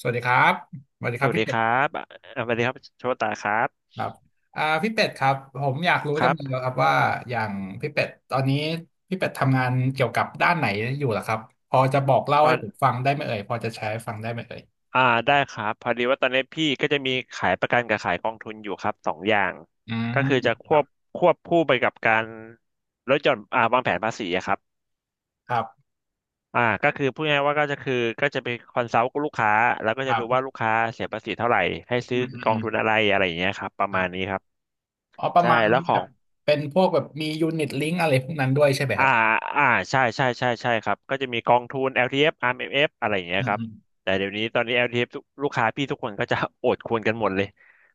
สวัสดีครับสวัสดีสครับวัสพี่ดีเป็คดรับสวัสดีครับโชตาครับครับพี่เป็ดครับผมอยากรู้คจังรัเลยบครับว่าอย่างพี่เป็ดตอนนี้พี่เป็ดทำงานเกี่ยวกับด้านไหนอยู่ล่ะครับพอจะบอกเล่าตอให้นผมฟังได้ไหมเอ่ยพอจะแชร์ให้ฟังได้ไหมเอ่ยอ่าได้ครับ พอดีว่าตอนนี้พี่ก็จะมีขายประกันกับขายกองทุนอยู่ครับสองอย่างอืมก็คือจะคครัวบบควบคู่ไปกับการลดหย่อนวางแผนภาษีอะครับครับก็คือพูดง่ายๆว่าก็จะไปคอนซัลท์กับลูกค้าแล้วก็คจะดูรับว่าลูกค้าเสียภาษีเท่าไหร่ ให้อืซื้อมอืมกออืงมทุนอะไรอะไรอย่างเงี้ยครับประคมารัณบนี้ครับอ๋อประใช่มาณแล้วว่าขแบอง บเป็นพวกแบบมียูนิตลิงก์อะไรพวกนั้นด้วยใช่ไหมคอ่ารับอ่าใช่ใช่ใช่ใช่ครับก็จะมีกองทุน LTF RMF อฟอาร์เอ็มเอฟอะไรอย่างเงี้อืยมครับอืมแต่เดี๋ยวนี้ตอนนี้ LTF ทเอฟทุกลูกค้าพี่ทุกคนก็จะ โอดควรกันหมดเลย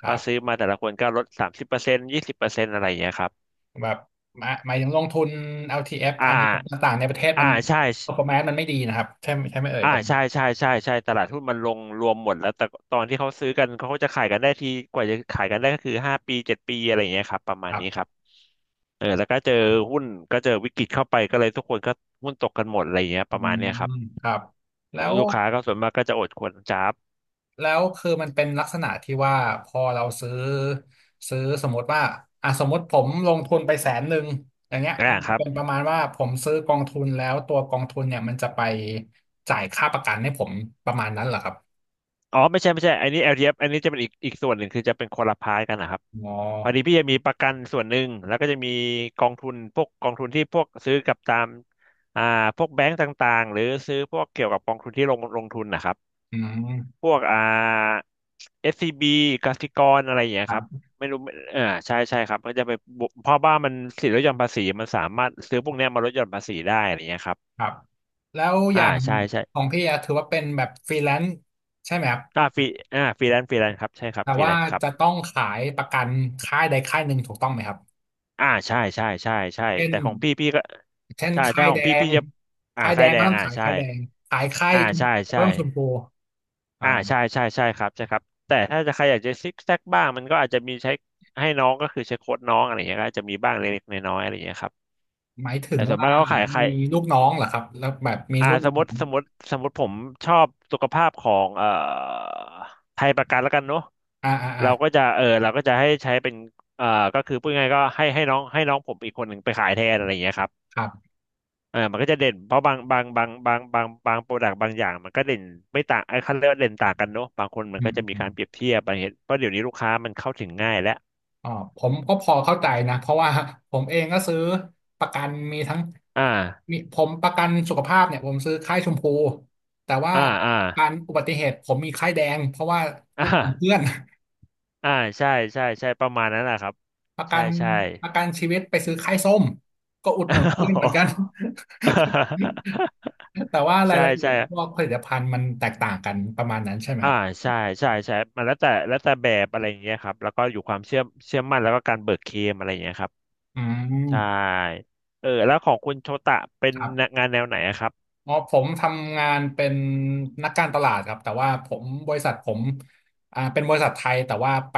คเพอรับซื้อมาแต่ละคนก็ลดสามสิบเปอร์เซ็นต์ยี่สิบเปอร์เซ็นต์อะไรอย่างเงี้ยครับแบบหมายถึงลงทุน l ทีเอฟอ่าอาร์ทีเอฟต่างๆในประเทศอ่ามัน ใช่ performance มันไม่ดีนะครับใช่ไหมเอ่ยประมาใช่ณ ใช่ใช่ใช่ตลาดหุ้นมันลงรวมหมดแล้วแต่ตอนที่เขาซื้อกันเขาก็จะขายกันได้ทีกว่าจะขายกันได้ก็คือห้าปีเจ็ดปีอะไรอย่างเงี้ยครับประมาณนี้ครับเออแล้วก็เจอหุ้นก็เจอวิกฤตเข้าไปก็เลยทุกคนก็หุ้นตกกันหมดอะไรอย่างเงี้ยอืประมาณมเนี้ยครับ ครับแล้วลูกค้าก็ส่วนมากก็จะอดควรจับแล้วคือมันเป็นลักษณะที่ว่าพอเราซื้อสมมติว่าอ่ะสมมติผมลงทุนไปแสนหนึ่งอย่างเงี้ยอ่ามันคจะรับเป็นประมาณว่าผมซื้อกองทุนแล้วตัวกองทุนเนี่ยมันจะไปจ่ายค่าประกันให้ผมประมาณนั้นเหรอครับอ๋อไม่ใช่ไม่ใช่อันนี้แอลทีเอฟอันนี้จะเป็นอีกส่วนหนึ่งคือจะเป็นคนละพายกันนะครับอ๋อพอดีพี่จะมีประกันส่วนหนึ่งแล้วก็จะมีกองทุนที่พวกซื้อกับตามอ่าพวกแบงก์ต่างๆหรือซื้อพวกเกี่ยวกับกองทุนที่ลงทุนนะครับอืพมวกs c ีบีกสิกรอะไรอย่างเงี้คยรัครับบไม่รู้ไม่เออใช่ใช่ครับก็จะไปบวกเพราะว่ามันสิทธิลดหย่อนภาษีมันสามารถซื้อพวกเนี้ยมาลดหย่อนภาษีได้อะไรอย่างเงี้ยครับครับแล้วออ่าย่างใช่ใช่ ของพี่อะถือว่าเป็นแบบฟรีแลนซ์ใช่ไหมครับอ่าฟรีฟรีแลนซ์ฟรีแลนซ์ครับใช่ครับแต่ฟรีแลว่านซ์ครับจะต้องขายประกันค่ายใดค่ายหนึ่งถูกต้องไหมครับ ใช่ใช่ใช่ใช่เช่นแต่ของพี่พี่ก็เช่นใช่ถ้าของพี่งพี่จะค่ายแดค่ายงแรก็งต้องขายใช่ค่ายแดงขายค่ายชมใช่พูก็ใช่ต้องชมพูอ่าใช่ใช่ใช่ครับใช่ครับแต่ถ้าจะใครอยากจะซิกแซกบ้างมันก็อาจจะมีใช้ให้น้องก็คือใช้โค้ดน้องอะไรอย่างเงี้ยก็อาจจะมีบ้างเล็กๆน้อยๆอะไรอย่างเงี้ยครับหมายถึแต่งส่วนว่ามากเขาขายใคร มีลูกน้องเหรอครับแล้วแบบมีอ่ารุ่นสมมน้ติองสมมติสมมติผมชอบสุขภาพของไทยประกันแล้วกันเนาะอ่าอ่าอ่าเราก็จะเออเราก็จะให้ใช้เป็นเอ่อก็คือพูดง่ายๆก็ให้น้องผมอีกคนหนึ่งไปขายแทนอะไรอย่างเงี้ยครับครับเออมันก็จะเด่นเพราะบางบางบางบางบางบางโปรดักต์บางอย่างมันก็เด่นไม่ต่างไอ้คันเรียกว่าเด่นต่างกันเนาะบางคนมันอืมก็อืจะมมีอมการเปรียบเทียบอะไรเห็นเพราะเดี๋ยวนี้ลูกค้ามันเข้าถึงง่ายแล้วอ๋อผมก็พอเข้าใจนะเพราะว่าผมเองก็ซื้อประกันมีทั้งอ่ามีผมประกันสุขภาพเนี่ยผมซื้อค่ายชมพูแต่ว่าอ่าอ่าประการอุบัติเหตุผมมีค่ายแดงเพราะว่าอ่อุดหนุนเพื่อาน อ่าใช่ใช่ใช่ประมาณนั้นแหละครับประกัใช่นใช่ ประกันชีวิตไปซื้อค่ายส้มก็อุดหนุนเพื่อนเหมือนกัน แต่ว่ารายใช่ละเอียใช่ดพวกผลิตภัณฑ์มันแตกต่างกันประมาณนั้นใช่ไหมคอ่ารับใช่ใช่ใช่มันแล้วแต่แบบอะไรอย่างเงี้ยครับ แล้วก็อยู่ความเชื่อมั่นแล้วก็การเบิกเคลมอะไรอย่างเงี้ยครับอืใช่มเออแล้วของคุณโชตะเป็นครับ งานแนวไหนอะครับอ๋อผมทำงานเป็นนักการตลาดครับแต่ว่าบริษัทผมอ่าเป็นบริษัทไทยแต่ว่าไป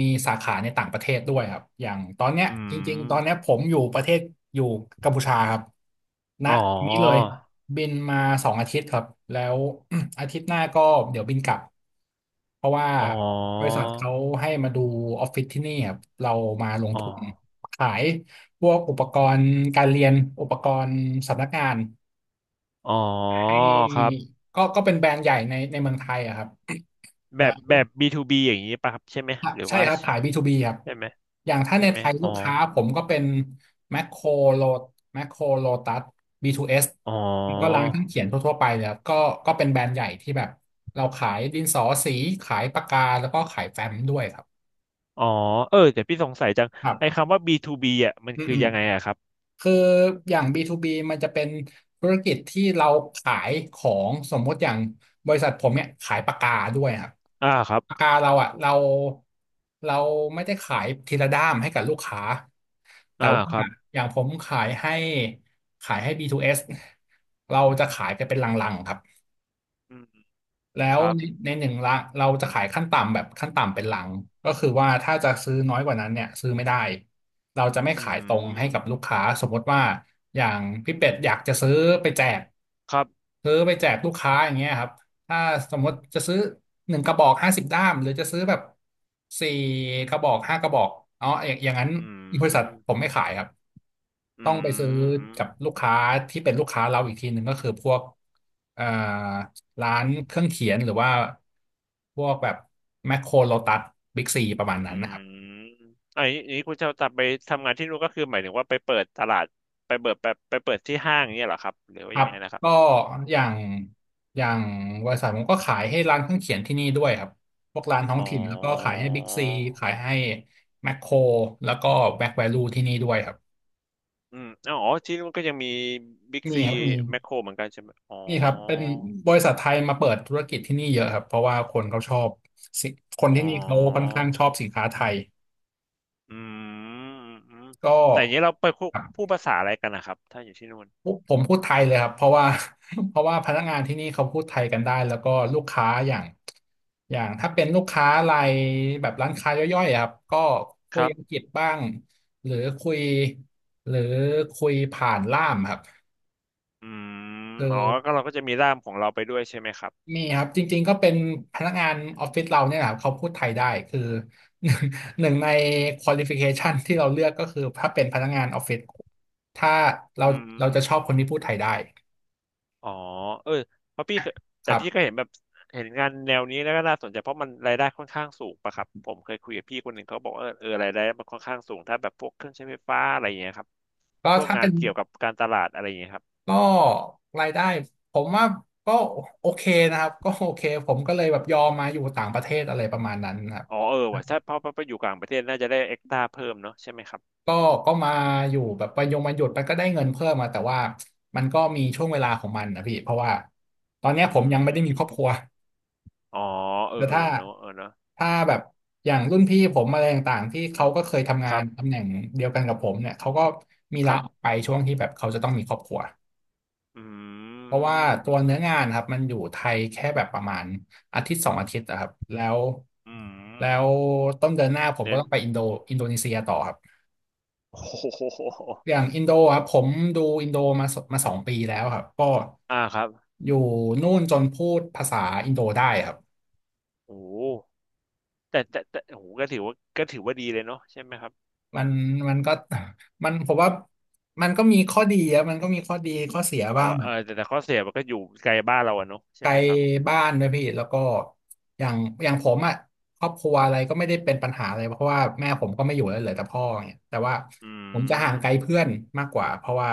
มีสาขาในต่างประเทศด้วยครับอย่างตอนเนี้ยอืจริงๆตอนเนี้ยมผมอยู่ประเทศอยู่กัมพูชาครับณอ๋นี้เลยอ บินมา2 อาทิตย์ครับแล้ว อาทิตย์หน้าก็เดี๋ยวบินกลับเพราะว่าอ๋อบริษัทเขาให้มาดูออฟฟิศที่นี่ครับเรามาลงอ๋อทุนขายพวกอุปกรณ์การเรียนอุปกรณ์สำนักงาน อ๋อให้ครับก็เป็นแบรนด์ใหญ่ในเมืองไทยอะครับแบแล้บวแบบ B2B อย่างนี้ป่ะครับใช่ไหมหรือใช่ว่าครับขาย B2B ครับใช่ไหมอย่างถ้าใช่ในไหมไทยลูกค้าผมก็เป็นแมคโครโลแมคโครโลตัส B2S อ๋อแล้วก็ร้านเครื่องเขียนทั่วๆไปเลยครับก็เป็นแบรนด์ใหญ่ที่แบบเราขายดินสอสีขายปากกาแล้วก็ขายแฟ้มด้วยครับอ๋อเออแต่พี่สงสัยจังครัไอ้บคำว่า B2B อ่ะมันอืมคืออืม ยังไงอะครับคืออย่าง B2B มันจะเป็นธุรกิจที่เราขายของสมมติอย่างบริษัทผมเนี่ยขายปากกาด้วยครับอ่าครับ ปากกาเราอ่ะเราไม่ได้ขายทีละด้ามให้กับลูกค้าแต่อ่าว่าครับอย่างผมขายให้ B2S เอสเราจะขายกันเป็นลังๆครับ อืมแล้ควรับในหนึ่งละเราจะขายขั้นต่ำแบบขั้นต่ำเป็นหลังก็คือว่าถ้าจะซื้อน้อยกว่านั้นเนี่ยซื้อไม่ได้เราจะไม่อืขายตรงให้กับลูกมค้าสมมติว่าอย่างพี่เป็ดอยากจะไปแจกครับซื้อไปแจกลูกค้าอย่างเงี้ยครับ ถ้าสมมติจะซื้อหนึ่งกระบอก50 ด้ามหรือจะซื้อแบบสี่กระบอกห้ากระบอกอ๋ออย่างนั้นอืบริษัทผมมไม่ขายครับอืต้องไปซื้อม อืม กับลูกค้าที่เป็นลูกค้าเราอีกทีหนึ่งก็คือพวกเอ่อร้านเครื่องเขียนหรือว่าพวกแบบแมคโครโลตัสบิ๊กซีประมาณอืนั้นนะครับ มอันนี้คุณจะตับไปทำงานที่นู่นก็คือหมายถึงว่าไปเปิดตลาดไปเปิดที่ห้างเนี่ยเหรอครับหรือคว่ารัยับงไงนะครัก็บ อย่างอย่างบริษัทผมก็ขายให้ร้านเครื่องเขียนที่นี่ด้วยครับพวกร้านท้ออ๋งอถิ่นแล้วก็ขายให้บิ๊กซีขายให้แมคโครแล้วก็แบ็คแวลูที่นี่ด้วยครับอืมอ๋อที่นู่นก็ยังมีบิ๊กมีซีครับมีแมคโครเหมือนกันใช่ไหมอ๋อ มีครับเป็นบริษัทไทยมาเปิดธุรกิจที่นี่เยอะครับเพราะว่าคนเขาชอบสิคนอ๋อที่นี่เขาค่อนข้างชอบสินค้าไทยอืมอืมอืมก็ แต่อย่างนี้เราไปพูดภาษาอะไรกันนะครับถ้าอยู่ที่นู่นผมพูดไทยเลยครับเพราะว่า เพราะว่าพนักงานที่นี่เขาพูดไทยกันได้แล้วก็ลูกค้าอย่างถ้าเป็นลูกค้ารายแบบร้านค้าย่อยๆอะครับก็คุคยรับ อังกฤษบ้างหรือคุยหรือคุยผ่านล่ามครับอืมคืออ๋อก็เราก็จะมีร่ามของเราไปด้วยใช่ไหมครับมีครับจริงๆก็เป็นพนักงานออฟฟิศเราเนี่ยนะครับเขาพูดไทยได้คือ หนึ่งในควอลิฟิเคชันที่เราเลือกก็คือถ้าเป็นพนักงานออฟฟิศถ้าเราอืเราจะมชอบคนที่พูดไทยได้อ๋อเออเพราะพี่เคยคแต่รัพี่ก็บเห็นแบบเห็นงานแนวนี้แล้วก็น่าสนใจเพราะมันรายได้ค่อนข้างสูงปะครับผมเคยคุยกับพี่คนหนึ่งเขาบอกว่าเออเออรายได้มันค่อนข้างสูงถ้าแบบพวกเครื่องใช้ไฟฟ้าอะไรอย่างเงี้ยครับก็พวกถ้างาเป็นน เกี่ยวกับการตลาดอะไรอย่างเงี้ยครับก็รายได้ผมว่าก็โอเคนะครับก็โอเคผมก็เลยแบบยอมมาอยู่ต่างประเทศอะไรประมาณนั้นนะครับอ๋อเออว่ะถ้าเพราะไปอยู่กลางประเทศน่าจะได้เอ็กตาเพิ่มเนาะใช่ไหมครับก็ก็มาอยู่แบบไปยงมาหยุดไปก็ได้เงินเพิ่มมาแต่ว่ามันก็มีช่วงเวลาของมันนะพี่เพราะว่าตอนเนี้ยอืผมยังไม่ได้มีครอบคมรัวอ๋อเออแต่เออถ้าเนาะเออเนาะถ้าแบบอย่างรุ่นพี่ผมอะไรต่างๆที่เขาก็เคยทำคงารันตำบแหน่งเดียวกันกับผมเนี่ยเขาก็มีคลารัออกบไปช่วงที่แบบเขาจะต้องมีครอบครัว อืเพราะว่ามตัอืวมอืเนื้อมงานครับมันอยู่ไทยแค่แบบประมาณอาทิตย์สองอาทิตย์อะครับแล้วอืมแล้วต้นเดือนหน้าผมก็เน้น ต้องไปอินโดอินโดนีเซียต่อครับโอ้โหอย่างอินโดครับผมดูอินโดมาสองปีแล้วครับก็อ่าครับอยู่นู่นจนพูดภาษาอินโดได้ครับโอ้โหแต่โอ้โหก็ถือว่าก็ถือว่าดีเลยเนาะใช่ไหมครับมันมันก็ มันผมว่ามันก็มีข้อดีอะมันก็มีข้อดีข้อเสียอ๋อบ้าง เออแต่ข้อเสียมันก็อยู่ไกลบ้านเราอะเนาะไกใช่ลไหมครับบ้านด้วยพี่แล้วก็อย่างอย่างผมอ่ะครอบครัวอะไรก็ไม่ได้เป็นปัญหาอะไรเพราะว่าแม่ผมก็ไม่อยู่แล้วเหลือแต่พ่อเนี่ยแต่ว่าอืผมจะห่ามงไกลเพื่อนมากกว่าเพราะว่า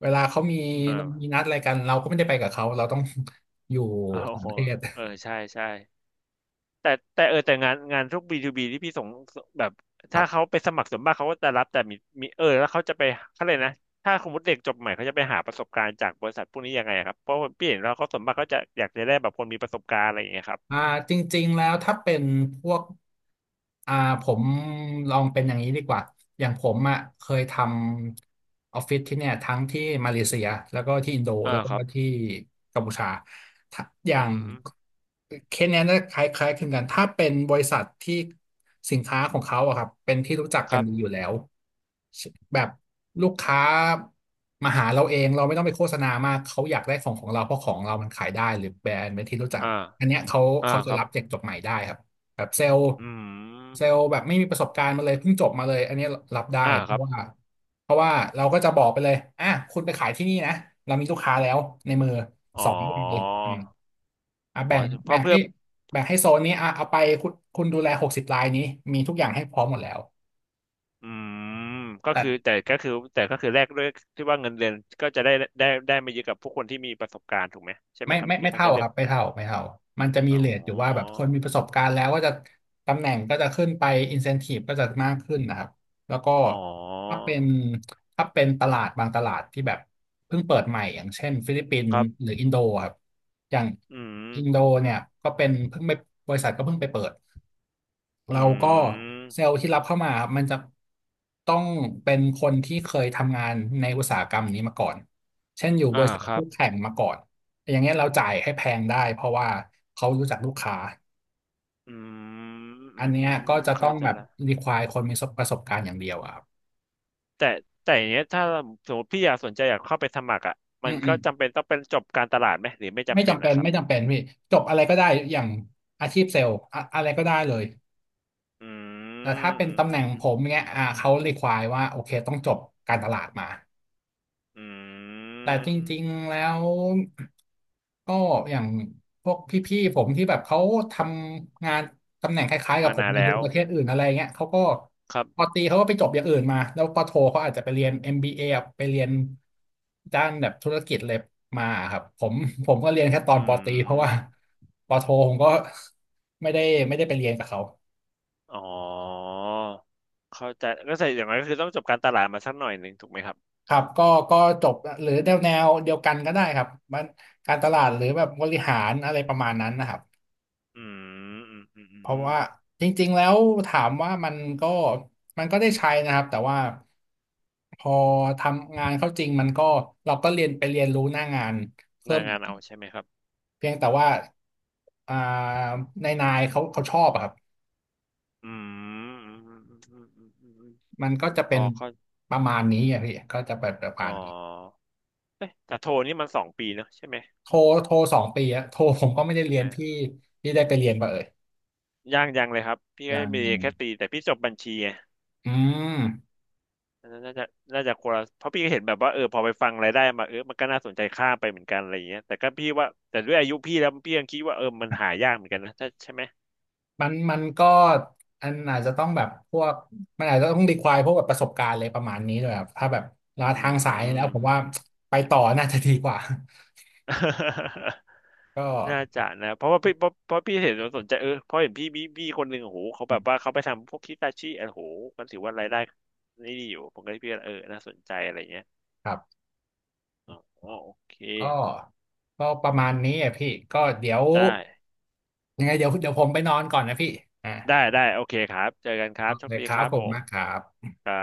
เวลาเขามีเอมีอนัดอะไรกันเราก็ไม่ได้ไปกับเขาเราต้อง อยู่โอ้ต่างโหประเทศเออใช่ใช่แต่แต่เออแต่งานงานพวกบีทูบีที่พี่ส่งแบบครัถ้าเขาบไปสมัครส่วนมากเขาก็จะรับแต่มีมีเออแล้วเขาจะไปเขาเลยกนะถ้าสมมติเด็กจบใหม่เขาจะไปหาประสบการณ์จากบริษัทพวกนี้ยังไงอะครับเพราะพี่เห็นแล้วเขาส่วนมากเขาจะอยากจะได้แบบคนมีประสบการณ์อะไรอย่างเงี้ยครับอ่าจริงๆแล้วถ้าเป็นพวก อ่าผมลองเป็นอย่างนี้ดีกว่าอย่างผมอ่ะเคยทำออฟฟิศที่เนี่ยทั้งที่มาเลเซียแล้วก็ที่อินโดอ่าแล้วก็ครับที่กัมพูชาถ้าออืย่างมเคสเนี้ยน่าคล้ายๆคลึงกันถ้าเป็นบริษัทที่สินค้าของเขาอะครับเป็นที่รู้จักคกันรับดีอยู่แล้วแบบลูกค้ามาหาเราเองเราไม่ต้องไปโฆษณามากเขาอยากได้ของของเราเพราะของเรามันขายได้หรือแบรนด์เป็นที่รู้จักอ่า อันเนี้ยเขาอ่าเขาคจะรับรับเด็กจบใหม่ได้ครับ แบบเซลล์อืเซลมล์แบบไม่มีประสบการณ์มาเลยเพิ่งจบมาเลยอันนี้รับได้อ่าเพครัราะบว่าเพราะว่าเราก็จะบอกไปเลยอ่ะคุณไปขายที่นี่นะเรามีลูกค้าแล้วในมืออ๋อสองรายอืมอ่ะอ๋แบ่องเพแบ่ราะงเพื่ให้อแบ่งให้โซนนี้อ่ะเอาไปคุณดูแลหกสิบรายนี้มีทุกอย่างให้พร้อมหมดแล้ว อืมก็คือแต่ก็คือแต่ก็คือแลกด้วยที่ว่าเงินเดือนก็จะได้ได้ไม่เยอะกับพวกคนที่มีประสบการณ์ถูกไหมใช่ไหมไม่ครับไม่ที่ไม่เขาเท่าจะเลืคอกรับไม่เท่าไม่เท่ามันจะมีอ๋อเรทอยู่ว่าแบบคนมีประสบการณ์แล้วก็จะตำแหน่งก็จะขึ้นไปอินเซนทีฟก็จะมากขึ้นนะครับแล้วก็อ๋อถ้าเป็นถ้าเป็นตลาดบางตลาดที่แบบเพิ่งเปิดใหม่อย่างเช่นฟิลิปปินคส์รัหบรืออินโดครับอย่างอือินโดมเนี่ยก็เป็นเพิ่งไปบริษัทก็เพิ่งไปเปิดเราอืก็มเซลล์ที่รับเข้ามาครับมันจะต้องเป็นคนที่เคยทำงานในอุตสาหกรรมนี้มาก่อนเช่นอยู่บอ่าริษัทครัคู่บแข่งมาก่อน อย่างเงี้ยเราจ่ายให้แพงได้เพราะว่าเขารู้จักลูกค้าอืมอัอืนมเนี้อืยมอืก็มจะต้อเข้างใจแบบ ละ require คนมีประสบการณ์อย่างเดียวอะครับแต่แต่อย่างเงี้ยถ้าสมมติพี่อยากสนใจอยากเข้าไปสมัครอ่ะอืมันมอืก็มจำเป็นต้องเป็นจบการตลาดไหมหรือไม่ไม่จำเป็นจำเป็นะนครับ ไม่จำเป็นพี่จบอะไรก็ได้อย่างอาชีพเซลล์อะอะไรก็ได้เลยอืแต่ถ้ามเป็นอืมตำแหอืน่มงอืผมมเนี้ยเขา require ว่าโอเคต้องจบการตลาดมาอืแต่จริงมๆแล้ว ก็อย่างพวกพี่ๆผมที่แบบเขาทำงานตำแหน่งคล้ายๆกับมาผมนานในแล้ดูวประเทศอื่นอะไรเงี้ยเขาก็ครับปอตรีเขาก็ไปจบอย่างอื่นมาแล้วปอโทเขาอาจจะไปเรียน MBA อมบีเอไปเรียนด้านแบบธุรกิจเลยมาครับผมผมก็เรียนแค่ตออืนปอตรีเพราะว่า ม ปอโทผมก็ไม่ได้ไม่ได้ไปเรียนกับเขาอ๋อเข้าใจก็ใส่อย่างไรก็คือต้องจบการตลาดมาสักหน่อยหนึ่งถูกไหมครับครับก็จบหรือแนวเดียวกันก็ได้ครับมันการตลาดหรือแบบบริหารอะไรประมาณนั้นนะครับ อืมอืมอืมอืเพมราะอืมว่าจริงๆแล้วถามว่ามันก็ได้ใช้นะครับแต่ว่าพอทำงานเข้าจริงมันก็เราก็เรียนไปเรียนรู้หน้างานหเพิ่น้ามอีงากนเอาใช่ไหมครับเพียงแต่ว่าอ่านายเขาชอบอะครับอืมอืมอืมอืมอืมอืมอืมมันก็จะพเป็อนเข้าประมาณนี้อะพี่ก็จะเป็นประมาอ๋อณนี้เอ๊ะแต่โทนี่มันสองปีเนอะใช่ไหมโทรโทรสองปีอะโทรผมก็ไม่ได้ใช่เรียไหนมพี่พี่ได้ไปเรียนป่ะเอ่ยยางยังเลยครับพี่ก็ยังมียังแค่ปีแต่พี่จบบัญชีไง อืม อันนั้นน่าจะน่าจะคนละเพราะพี่ก็เห็นแบบว่าเออพอไปฟังรายได้มาเออมันก็น่าสนใจข้ามไปเหมือนกันอะไรอย่างเงี้ยแต่ก็พี่ว่าแต่ด้วยอายุพี่แล้วพี่ยังคิดว่าเออมันหายากเหมือนกันนะถ้าใช่ไหมมันก็อันอาจจะต้องแบบพวกมันอาจจะต้องรีควายพวกแบบประสบการณ์อะไรประมาณนี้ด้วยครับถ้าแบบลาอืทางสายแล้ม วผมว่าไปต่อน่าจะดีกว่า ก็น่าจะนะเพราะว่าพี่เพราะพี่เห็นสนใจเออเพราะเห็นพี่คนหนึ่งโอ้โหเขาอืแบบมว่าเขาไปทำพวกคิตาชิโอ้โหมันถือว่ารายได้นี่ดีอยู่ผมก็เลยพี่ว่าเออน่าสนใจอะไรอย่างเงี้ยครับอ๋อโอเคก็ก็ประมาณนี้อ่ะพี่ก็เดี๋ยวได้ยังไงเดี๋ยวผมไปนอนก่อนนะพี่อ่าได้ได้โอเคครับเจอกันครัโอบโชเคคดีคครับรับผผมมากคมรับ